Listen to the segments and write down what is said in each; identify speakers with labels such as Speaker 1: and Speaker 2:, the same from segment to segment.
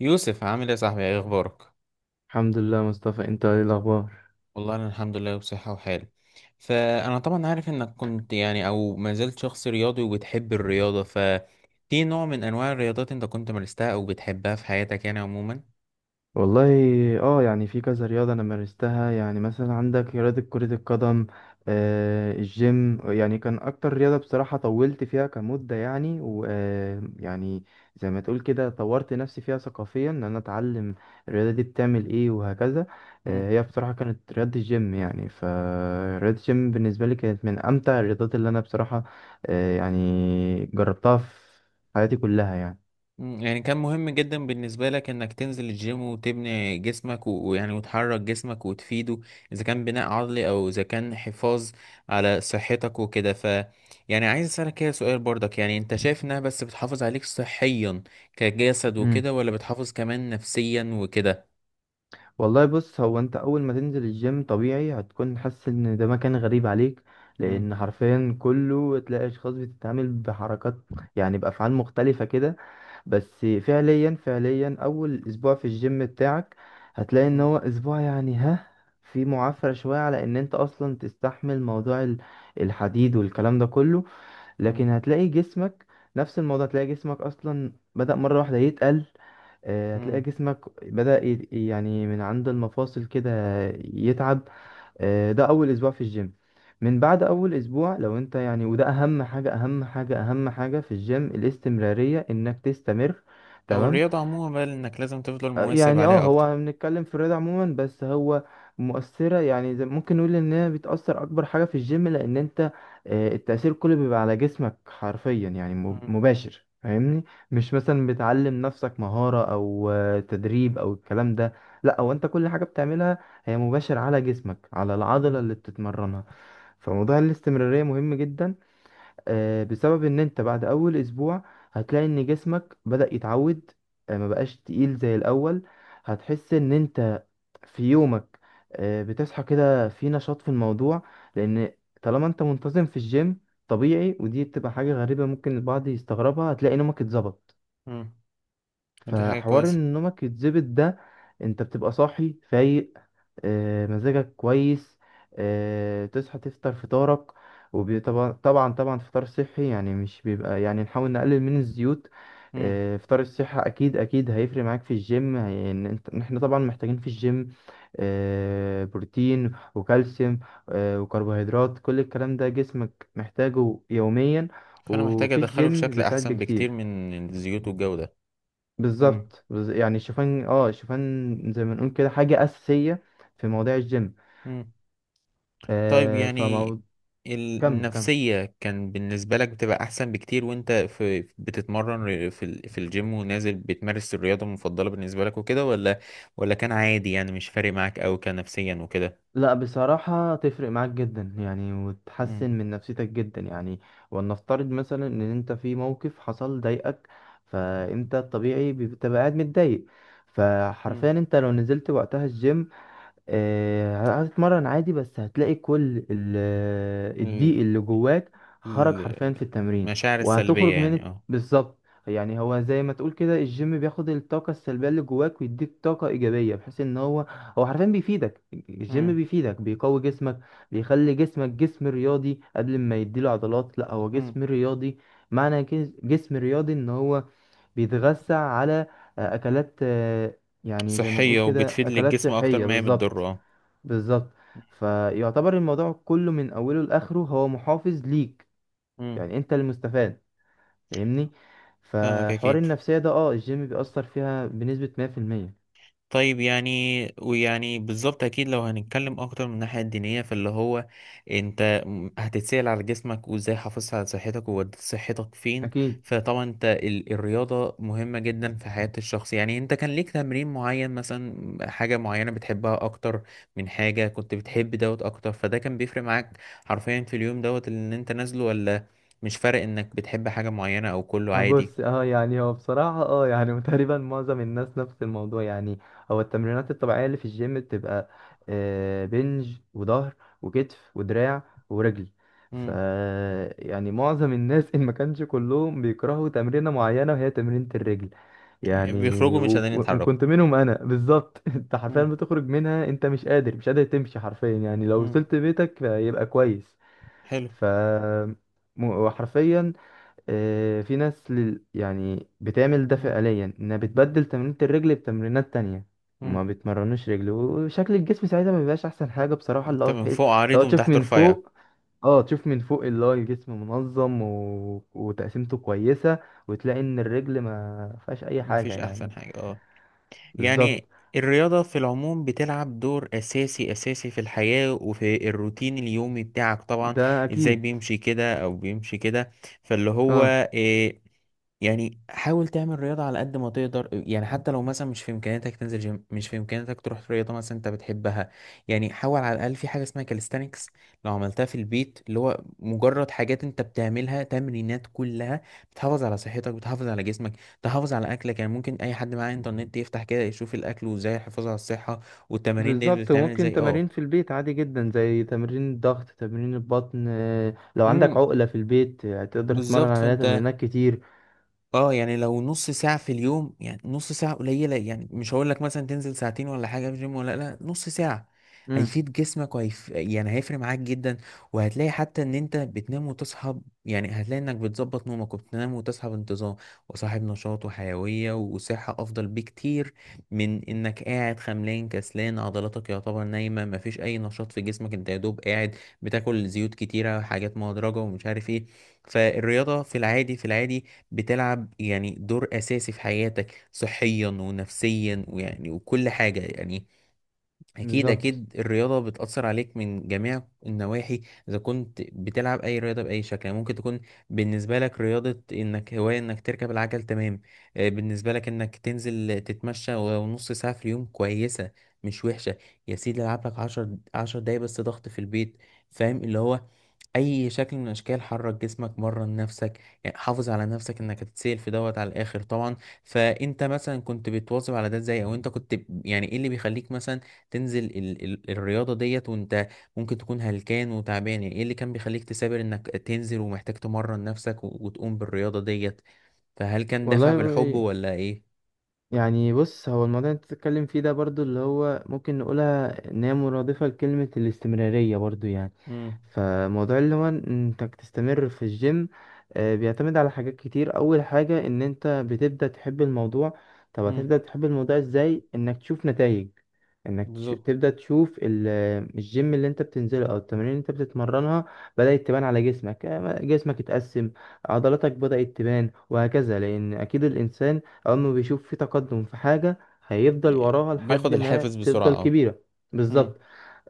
Speaker 1: يوسف، عامل ايه يا صاحبي؟ ايه اخبارك؟
Speaker 2: الحمد لله، مصطفى. انت ايه الاخبار؟
Speaker 1: والله انا الحمد لله بصحة وحال. فانا طبعا عارف انك كنت يعني او ما زلت شخص رياضي وبتحب الرياضة. ففي نوع من انواع الرياضات انت كنت مارستها او بتحبها في حياتك يعني عموما؟
Speaker 2: والله، اه يعني في كذا رياضة انا مارستها. يعني مثلا عندك رياضة كرة القدم. الجيم يعني كان اكتر رياضة، بصراحة طولت فيها كمدة، يعني ويعني يعني زي ما تقول كده، طورت نفسي فيها ثقافيا ان انا اتعلم الرياضة دي بتعمل ايه وهكذا. هي بصراحة كانت رياضة الجيم. يعني فرياضة الجيم بالنسبة لي كانت من امتع الرياضات اللي انا بصراحة يعني جربتها في حياتي كلها. يعني
Speaker 1: مم. يعني كان مهم جدا بالنسبة لك انك تنزل الجيم وتبني جسمك ويعني وتحرك جسمك وتفيده، اذا كان بناء عضلي او اذا كان حفاظ على صحتك وكده. يعني عايز اسألك كده سؤال برضك، يعني انت شايف انها بس بتحافظ عليك صحيا كجسد وكده، ولا بتحافظ كمان نفسيا وكده؟
Speaker 2: والله، بص، هو انت اول ما تنزل الجيم طبيعي هتكون حاسس ان ده مكان غريب عليك،
Speaker 1: مم.
Speaker 2: لان حرفيا كله تلاقي اشخاص بتتعامل بحركات، يعني بافعال مختلفة كده. بس فعليا اول اسبوع في الجيم بتاعك هتلاقي ان
Speaker 1: مم.
Speaker 2: هو اسبوع، يعني في معافرة شوية على ان انت اصلا تستحمل موضوع الحديد والكلام ده كله. لكن
Speaker 1: مم.
Speaker 2: هتلاقي جسمك، نفس الموضوع، هتلاقي جسمك اصلا بدأ مرة واحدة يتقل. هتلاقي
Speaker 1: مم.
Speaker 2: جسمك بدأ يعني من عند المفاصل كده يتعب. ده أول أسبوع في الجيم. من بعد أول أسبوع، لو أنت يعني، وده أهم حاجة أهم حاجة أهم حاجة في الجيم، الاستمرارية إنك تستمر.
Speaker 1: او
Speaker 2: تمام.
Speaker 1: الرياضة عموما بقى، انك لازم تفضل مواظب
Speaker 2: يعني
Speaker 1: عليها اكتر.
Speaker 2: هو بنتكلم في الرياضة عموما، بس هو مؤثرة، يعني زي ممكن نقول ان هي بتأثر اكبر حاجة في الجيم لان انت التأثير كله بيبقى على جسمك حرفيا، يعني
Speaker 1: مم.
Speaker 2: مباشر، فاهمني؟ مش مثلا بتعلم نفسك مهارة او تدريب او الكلام ده. لا، هو انت كل حاجة بتعملها هي مباشر على جسمك، على العضلة
Speaker 1: مم.
Speaker 2: اللي بتتمرنها. فموضوع الاستمرارية مهم جدا، بسبب ان انت بعد اول اسبوع هتلاقي ان جسمك بدأ يتعود. ما بقاش تقيل زي الاول. هتحس ان انت في يومك بتصحى كده في نشاط في الموضوع، لان طالما انت منتظم في الجيم، طبيعي، ودي بتبقى حاجة غريبة ممكن البعض يستغربها، هتلاقي نومك اتظبط.
Speaker 1: مم. ودي حاجة
Speaker 2: فحوار
Speaker 1: كويسة.
Speaker 2: ان نومك يتظبط ده، انت بتبقى صاحي فايق، مزاجك كويس. تصحى تفطر فطارك، وطبعا طبعا طبعا فطار صحي. يعني مش بيبقى، يعني نحاول نقلل من الزيوت.
Speaker 1: مم.
Speaker 2: فطار الصحة أكيد أكيد هيفرق معاك في الجيم، هي- إن أنت إن إحنا طبعا محتاجين في الجيم بروتين وكالسيوم، وكربوهيدرات، كل الكلام ده جسمك محتاجه يوميا.
Speaker 1: فأنا محتاج
Speaker 2: وفي
Speaker 1: أدخله في
Speaker 2: الجيم
Speaker 1: شكل
Speaker 2: بيساعد
Speaker 1: أحسن بكتير
Speaker 2: بكتير.
Speaker 1: من الزيوت والجو ده. مم.
Speaker 2: بالظبط. يعني الشوفان، الشوفان زي ما نقول كده حاجة أساسية في مواضيع الجيم.
Speaker 1: مم. طيب،
Speaker 2: آه،
Speaker 1: يعني
Speaker 2: فمو كمل كمل.
Speaker 1: النفسية كان بالنسبة لك بتبقى أحسن بكتير وأنت في بتتمرن في الجيم ونازل بتمارس الرياضة المفضلة بالنسبة لك وكده، ولا كان عادي يعني مش فارق معاك أوي كنفسيا وكده؟
Speaker 2: لا، بصراحة تفرق معاك جدا يعني،
Speaker 1: مم.
Speaker 2: وتحسن من نفسيتك جدا يعني. ولنفترض مثلا ان انت في موقف حصل ضايقك، فانت الطبيعي بتبقى قاعد متضايق،
Speaker 1: مم.
Speaker 2: فحرفيا انت لو نزلت وقتها الجيم هتتمرن عادي، بس هتلاقي كل الضيق
Speaker 1: ال-
Speaker 2: اللي جواك خرج
Speaker 1: ال-
Speaker 2: حرفيا في التمرين.
Speaker 1: المشاعر السلبية
Speaker 2: وهتخرج من
Speaker 1: يعني، اه.
Speaker 2: بالظبط. يعني هو زي ما تقول كده الجيم بياخد الطاقة السلبية اللي جواك ويديك طاقة إيجابية، بحيث إن هو حرفيا بيفيدك. الجيم
Speaker 1: مم.
Speaker 2: بيفيدك، بيقوي جسمك، بيخلي جسمك جسم رياضي. قبل ما يديله عضلات، لا هو
Speaker 1: مم.
Speaker 2: جسم رياضي. معنى كده جسم رياضي إن هو بيتغذى على أكلات، يعني زي ما نقول
Speaker 1: صحية
Speaker 2: كده
Speaker 1: وبتفيد
Speaker 2: أكلات
Speaker 1: للجسم أكتر
Speaker 2: صحية،
Speaker 1: ما هي بتضره،
Speaker 2: بالظبط
Speaker 1: اه.
Speaker 2: بالظبط. فيعتبر الموضوع كله من اوله لاخره هو محافظ ليك،
Speaker 1: مم.
Speaker 2: يعني انت المستفاد، فاهمني.
Speaker 1: فاهمك
Speaker 2: فحوار
Speaker 1: أكيد.
Speaker 2: النفسية ده، الجيم بيأثر فيها بنسبة 100%.
Speaker 1: طيب، يعني ويعني بالظبط اكيد لو هنتكلم اكتر من الناحيه الدينيه فاللي هو انت هتتسال على جسمك وازاي حافظت على صحتك ووديت صحتك فين.
Speaker 2: اكيد.
Speaker 1: فطبعا انت الرياضه مهمه جدا في حياه الشخص. يعني انت كان ليك تمرين معين مثلا، حاجه معينه بتحبها اكتر من حاجه كنت بتحب دوت اكتر، فده كان بيفرق معاك حرفيا في اليوم دوت اللي انت نازله؟ ولا مش فارق انك بتحب حاجه معينه او كله عادي؟
Speaker 2: بص، يعني هو بصراحة، يعني تقريبا معظم الناس نفس الموضوع يعني. هو التمرينات الطبيعية اللي في الجيم بتبقى بنج وظهر وكتف ودراع ورجل. ف
Speaker 1: مم.
Speaker 2: يعني معظم الناس ان ما كانش كلهم بيكرهوا تمرينة معينة، وهي تمرينة الرجل. يعني
Speaker 1: بيخرجوا مش قادرين يتحركوا.
Speaker 2: وكنت منهم انا بالظبط. انت حرفيا
Speaker 1: مم.
Speaker 2: بتخرج منها انت مش قادر مش قادر تمشي حرفيا، يعني لو
Speaker 1: مم.
Speaker 2: وصلت بيتك يبقى كويس.
Speaker 1: حلو.
Speaker 2: ف وحرفيا في ناس يعني بتعمل ده
Speaker 1: مم.
Speaker 2: فعليا انها بتبدل تمرينة الرجل بتمرينات تانية.
Speaker 1: مم.
Speaker 2: ما بيتمرنوش رجل وشكل الجسم ساعتها ما بيبقاش احسن حاجة، بصراحة اللي
Speaker 1: انت
Speaker 2: هو
Speaker 1: من
Speaker 2: تحس.
Speaker 1: فوق عريض
Speaker 2: لو
Speaker 1: ومن
Speaker 2: تشوف
Speaker 1: تحت
Speaker 2: من
Speaker 1: رفيع.
Speaker 2: فوق اه تشوف من فوق اللي هو الجسم منظم وتقسيمته كويسة، وتلاقي ان الرجل ما فيهاش اي حاجة
Speaker 1: مفيش احسن
Speaker 2: يعني.
Speaker 1: حاجة، اه.
Speaker 2: بالظبط.
Speaker 1: يعني الرياضة في العموم بتلعب دور أساسي أساسي في الحياة وفي الروتين اليومي بتاعك طبعا.
Speaker 2: ده
Speaker 1: إزاي
Speaker 2: اكيد.
Speaker 1: بيمشي كده أو بيمشي كده؟ فاللي هو،
Speaker 2: اه،
Speaker 1: آه، يعني حاول تعمل رياضة على قد ما تقدر. يعني حتى لو مثلا مش في إمكانياتك تنزل جيم، مش في إمكانياتك تروح في رياضة مثلا أنت بتحبها، يعني حاول على الأقل في حاجة اسمها كاليستانكس، لو عملتها في البيت اللي هو مجرد حاجات أنت بتعملها، تمرينات كلها بتحافظ على صحتك، بتحافظ على جسمك، تحافظ على أكلك. يعني ممكن أي حد معاه إنترنت يفتح كده يشوف الأكل، وإزاي الحفاظ على الصحة والتمارين دي
Speaker 2: بالظبط.
Speaker 1: بتتعمل
Speaker 2: وممكن
Speaker 1: إزاي، أه.
Speaker 2: تمارين في البيت عادي جدا، زي تمرين الضغط، تمرين البطن، لو عندك
Speaker 1: امم.
Speaker 2: عقلة في البيت تقدر تتمرن
Speaker 1: بالظبط.
Speaker 2: عليها
Speaker 1: فأنت،
Speaker 2: تمرينات كتير.
Speaker 1: اه، يعني لو نص ساعة في اليوم، يعني نص ساعة قليلة، يعني مش هقول لك مثلا تنزل ساعتين ولا حاجة في الجيم، ولا لا، نص ساعة
Speaker 2: امم.
Speaker 1: هيفيد جسمك، يعني هيفرق معاك جدا. وهتلاقي حتى ان انت بتنام وتصحى يعني هتلاقي انك بتظبط نومك وبتنام وتصحى بانتظام، وصاحب نشاط وحيوية وصحة افضل بكتير من انك قاعد خملان كسلان، عضلاتك يعتبر نايمة، مفيش اي نشاط في جسمك، انت يا دوب قاعد بتاكل زيوت كتيرة، حاجات مهدرجة ومش عارف ايه. فالرياضة في العادي بتلعب يعني دور أساسي في حياتك صحيا ونفسيا ويعني وكل حاجة يعني. أكيد
Speaker 2: بالظبط.
Speaker 1: أكيد الرياضة بتأثر عليك من جميع النواحي. إذا كنت بتلعب أي رياضة بأي شكل، يعني ممكن تكون بالنسبة لك رياضة إنك هواية، إنك تركب العجل، تمام. بالنسبة لك إنك تنزل تتمشى ولو نص ساعة في اليوم، كويسة، مش وحشة. يا سيدي العب لك عشر 10 دقايق بس ضغط في البيت. فاهم؟ اللي هو اي شكل من اشكال، حرك جسمك، مرن نفسك، يعني حافظ على نفسك، انك هتتسال في دوت على الاخر طبعا. فانت مثلا كنت بتواظب على ده ازاي؟ او انت كنت يعني ايه اللي بيخليك مثلا تنزل ال ال الرياضه ديت وانت ممكن تكون هلكان وتعبان؟ يعني ايه اللي كان بيخليك تثابر انك تنزل ومحتاج تمرن نفسك وتقوم بالرياضه ديت؟ فهل كان دافع بالحب
Speaker 2: والله،
Speaker 1: ولا ايه؟
Speaker 2: يعني بص، هو الموضوع اللي انت بتتكلم فيه ده برضو اللي هو ممكن نقولها ان هي مرادفة لكلمة الاستمرارية برضو يعني.
Speaker 1: امم.
Speaker 2: فموضوع اللي هو انك تستمر في الجيم بيعتمد على حاجات كتير. اول حاجة ان انت بتبدأ تحب الموضوع. طب
Speaker 1: امم.
Speaker 2: هتبدأ تحب الموضوع ازاي؟ انك تشوف نتائج. انك
Speaker 1: بالظبط.
Speaker 2: تبدأ تشوف الجيم اللي انت بتنزله، او التمارين اللي انت بتتمرنها، بدأت تبان على جسمك. جسمك اتقسم، عضلاتك بدأت تبان، وهكذا. لان اكيد الانسان أما بيشوف في تقدم في حاجة، هيفضل
Speaker 1: يعني
Speaker 2: وراها
Speaker 1: بياخد
Speaker 2: لحد ما
Speaker 1: الحافز بسرعة،
Speaker 2: تفضل
Speaker 1: اه.
Speaker 2: كبيرة.
Speaker 1: امم.
Speaker 2: بالظبط.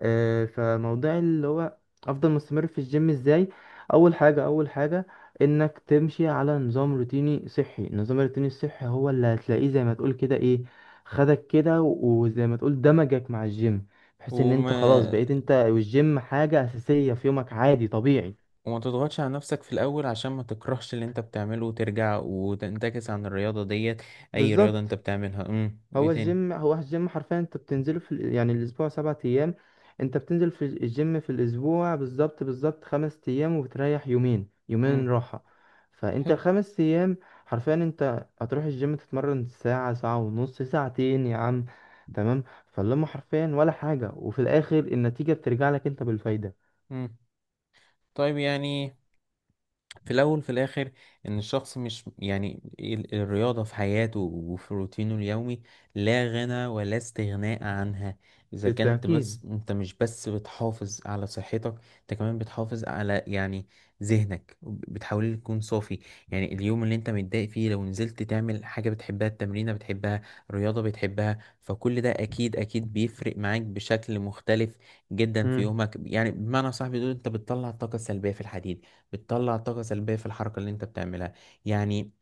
Speaker 2: فموضوع اللي هو أفضل مستمر في الجيم إزاي؟ أول حاجة أول حاجة، إنك تمشي على نظام روتيني صحي. النظام الروتيني الصحي هو اللي هتلاقيه زي ما تقول كده إيه، خدك كده وزي ما تقول دمجك مع الجيم، بحيث إن أنت
Speaker 1: وما
Speaker 2: خلاص بقيت أنت والجيم حاجة أساسية في يومك عادي طبيعي.
Speaker 1: وما تضغطش على نفسك في الأول، عشان ما تكرهش اللي انت بتعمله وترجع وتنتكس عن الرياضة ديت، أي رياضة انت
Speaker 2: بالظبط.
Speaker 1: بتعملها. امم. وإيه
Speaker 2: هو
Speaker 1: تاني؟
Speaker 2: الجيم هو الجيم حرفيا انت بتنزله في يعني الاسبوع 7 ايام. انت بتنزل في الجيم في الاسبوع بالظبط بالظبط 5 ايام، وبتريح يومين، يومين
Speaker 1: امم.
Speaker 2: راحة. فانت
Speaker 1: حلو.
Speaker 2: الخمس ايام حرفيا انت هتروح الجيم، تتمرن ساعة، ساعة ونص، ساعتين يا عم. تمام. فاللهم حرفيا ولا حاجة، وفي الاخر النتيجة بترجع لك انت بالفايدة.
Speaker 1: امم. طيب، يعني في الأول في الآخر، إن الشخص مش يعني الرياضة في حياته وفي روتينه اليومي لا غنى ولا استغناء عنها. إذا كنت، بس
Speaker 2: بالتأكيد.
Speaker 1: أنت مش بس بتحافظ على صحتك، أنت كمان بتحافظ على يعني ذهنك، بتحاول تكون صافي. يعني اليوم اللي أنت متضايق فيه، لو نزلت تعمل حاجة بتحبها، التمرينة بتحبها، الرياضة بتحبها، فكل ده أكيد أكيد بيفرق معاك بشكل مختلف جدا في
Speaker 2: امم.
Speaker 1: يومك. يعني بمعنى صح بيقول، أنت بتطلع الطاقة السلبية في الحديد، بتطلع طاقة سلبية في الحركة اللي انت بتعملها. يعني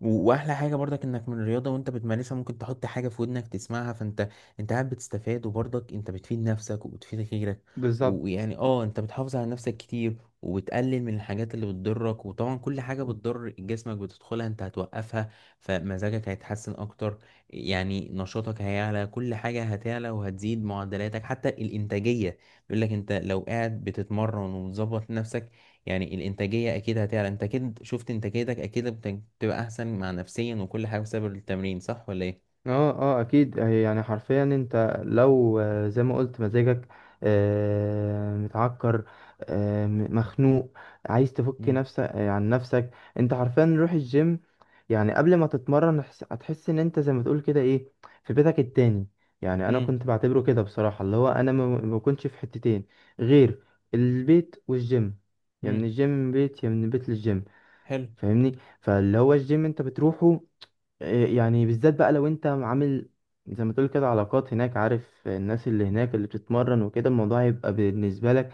Speaker 1: واحلى حاجة برضك انك من الرياضة وانت بتمارسها، ممكن تحط حاجة في ودنك تسمعها. انت قاعد بتستفاد، وبرضك انت بتفيد نفسك وبتفيد غيرك.
Speaker 2: بالظبط.
Speaker 1: ويعني، اه، انت بتحافظ على نفسك كتير، وبتقلل من الحاجات اللي بتضرك. وطبعا كل حاجة بتضر جسمك بتدخلها انت هتوقفها، فمزاجك هيتحسن اكتر. يعني نشاطك هيعلى، كل حاجة هتعلى وهتزيد معدلاتك حتى الانتاجية. بيقول لك انت لو قاعد بتتمرن ومظبط نفسك، يعني الانتاجيه اكيد هتعلى. انت اكيد شفت انتاجيتك اكيد بتبقى احسن مع نفسيا وكل حاجه بسبب التمرين، صح ولا ايه؟
Speaker 2: اه. اه، اكيد. هي يعني حرفيا انت لو زي ما قلت مزاجك متعكر، مخنوق، عايز تفك
Speaker 1: امم.
Speaker 2: نفسك عن نفسك، انت حرفيا روح الجيم. يعني قبل ما تتمرن، هتحس ان انت زي ما تقول كده ايه، في بيتك التاني. يعني انا
Speaker 1: امم.
Speaker 2: كنت بعتبره كده بصراحة اللي هو انا ما كنتش في حتتين غير البيت والجيم. يا من
Speaker 1: امم.
Speaker 2: الجيم من بيت، يا من البيت للجيم.
Speaker 1: حلو.
Speaker 2: فاهمني، فاللي هو الجيم انت بتروحه إيه؟ يعني بالذات بقى، لو انت عامل زي ما تقول كده علاقات هناك، عارف الناس اللي هناك اللي بتتمرن وكده، الموضوع هيبقى بالنسبة لك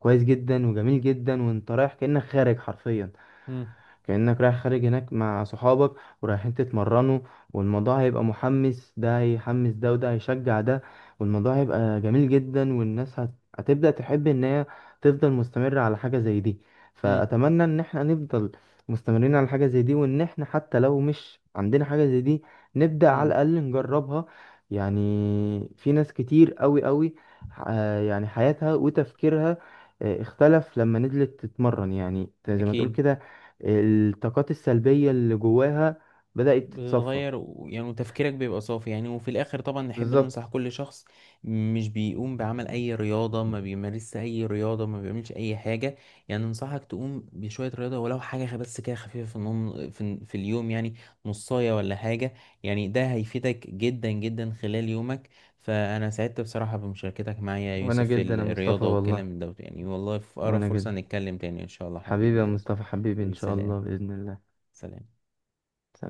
Speaker 2: كويس جدا وجميل جدا، وانت رايح كأنك خارج حرفيا،
Speaker 1: امم.
Speaker 2: كأنك رايح خارج هناك مع صحابك ورايحين تتمرنوا. والموضوع هيبقى محمس، ده هيحمس ده، وده هيشجع ده، والموضوع هيبقى جميل جدا. والناس هتبدأ تحب ان هي تفضل مستمرة على حاجة زي دي.
Speaker 1: امم.
Speaker 2: فأتمنى ان احنا نفضل مستمرين على حاجة زي دي، وان احنا حتى لو مش عندنا حاجة زي دي نبدأ على
Speaker 1: امم.
Speaker 2: الأقل نجربها. يعني في ناس كتير قوي قوي يعني حياتها وتفكيرها اختلف لما نزلت تتمرن، يعني زي ما تقول
Speaker 1: اكيد.
Speaker 2: كده الطاقات السلبية اللي جواها بدأت تتصفى.
Speaker 1: بتتغير، ويعني وتفكيرك بيبقى صافي. يعني وفي الاخر طبعا نحب
Speaker 2: بالظبط.
Speaker 1: ننصح كل شخص مش بيقوم بعمل اي رياضة، ما بيمارسش اي رياضة، ما بيعملش اي حاجة، يعني ننصحك تقوم بشوية رياضة، ولو حاجة بس كده خفيفة في النوم، في اليوم، يعني نصاية ولا حاجة. يعني ده هيفيدك جدا جدا خلال يومك. فانا سعدت بصراحة بمشاركتك معايا يا
Speaker 2: وانا
Speaker 1: يوسف في
Speaker 2: جدا يا مصطفى
Speaker 1: الرياضة
Speaker 2: والله.
Speaker 1: والكلام دوت، يعني والله في اقرب
Speaker 2: وانا
Speaker 1: فرصة
Speaker 2: جدا.
Speaker 1: نتكلم تاني ان شاء الله.
Speaker 2: حبيبي
Speaker 1: حبيبي
Speaker 2: يا
Speaker 1: يا يوسف.
Speaker 2: مصطفى. حبيبي، ان
Speaker 1: حبيبي،
Speaker 2: شاء
Speaker 1: سلام.
Speaker 2: الله، بإذن الله.
Speaker 1: سلام.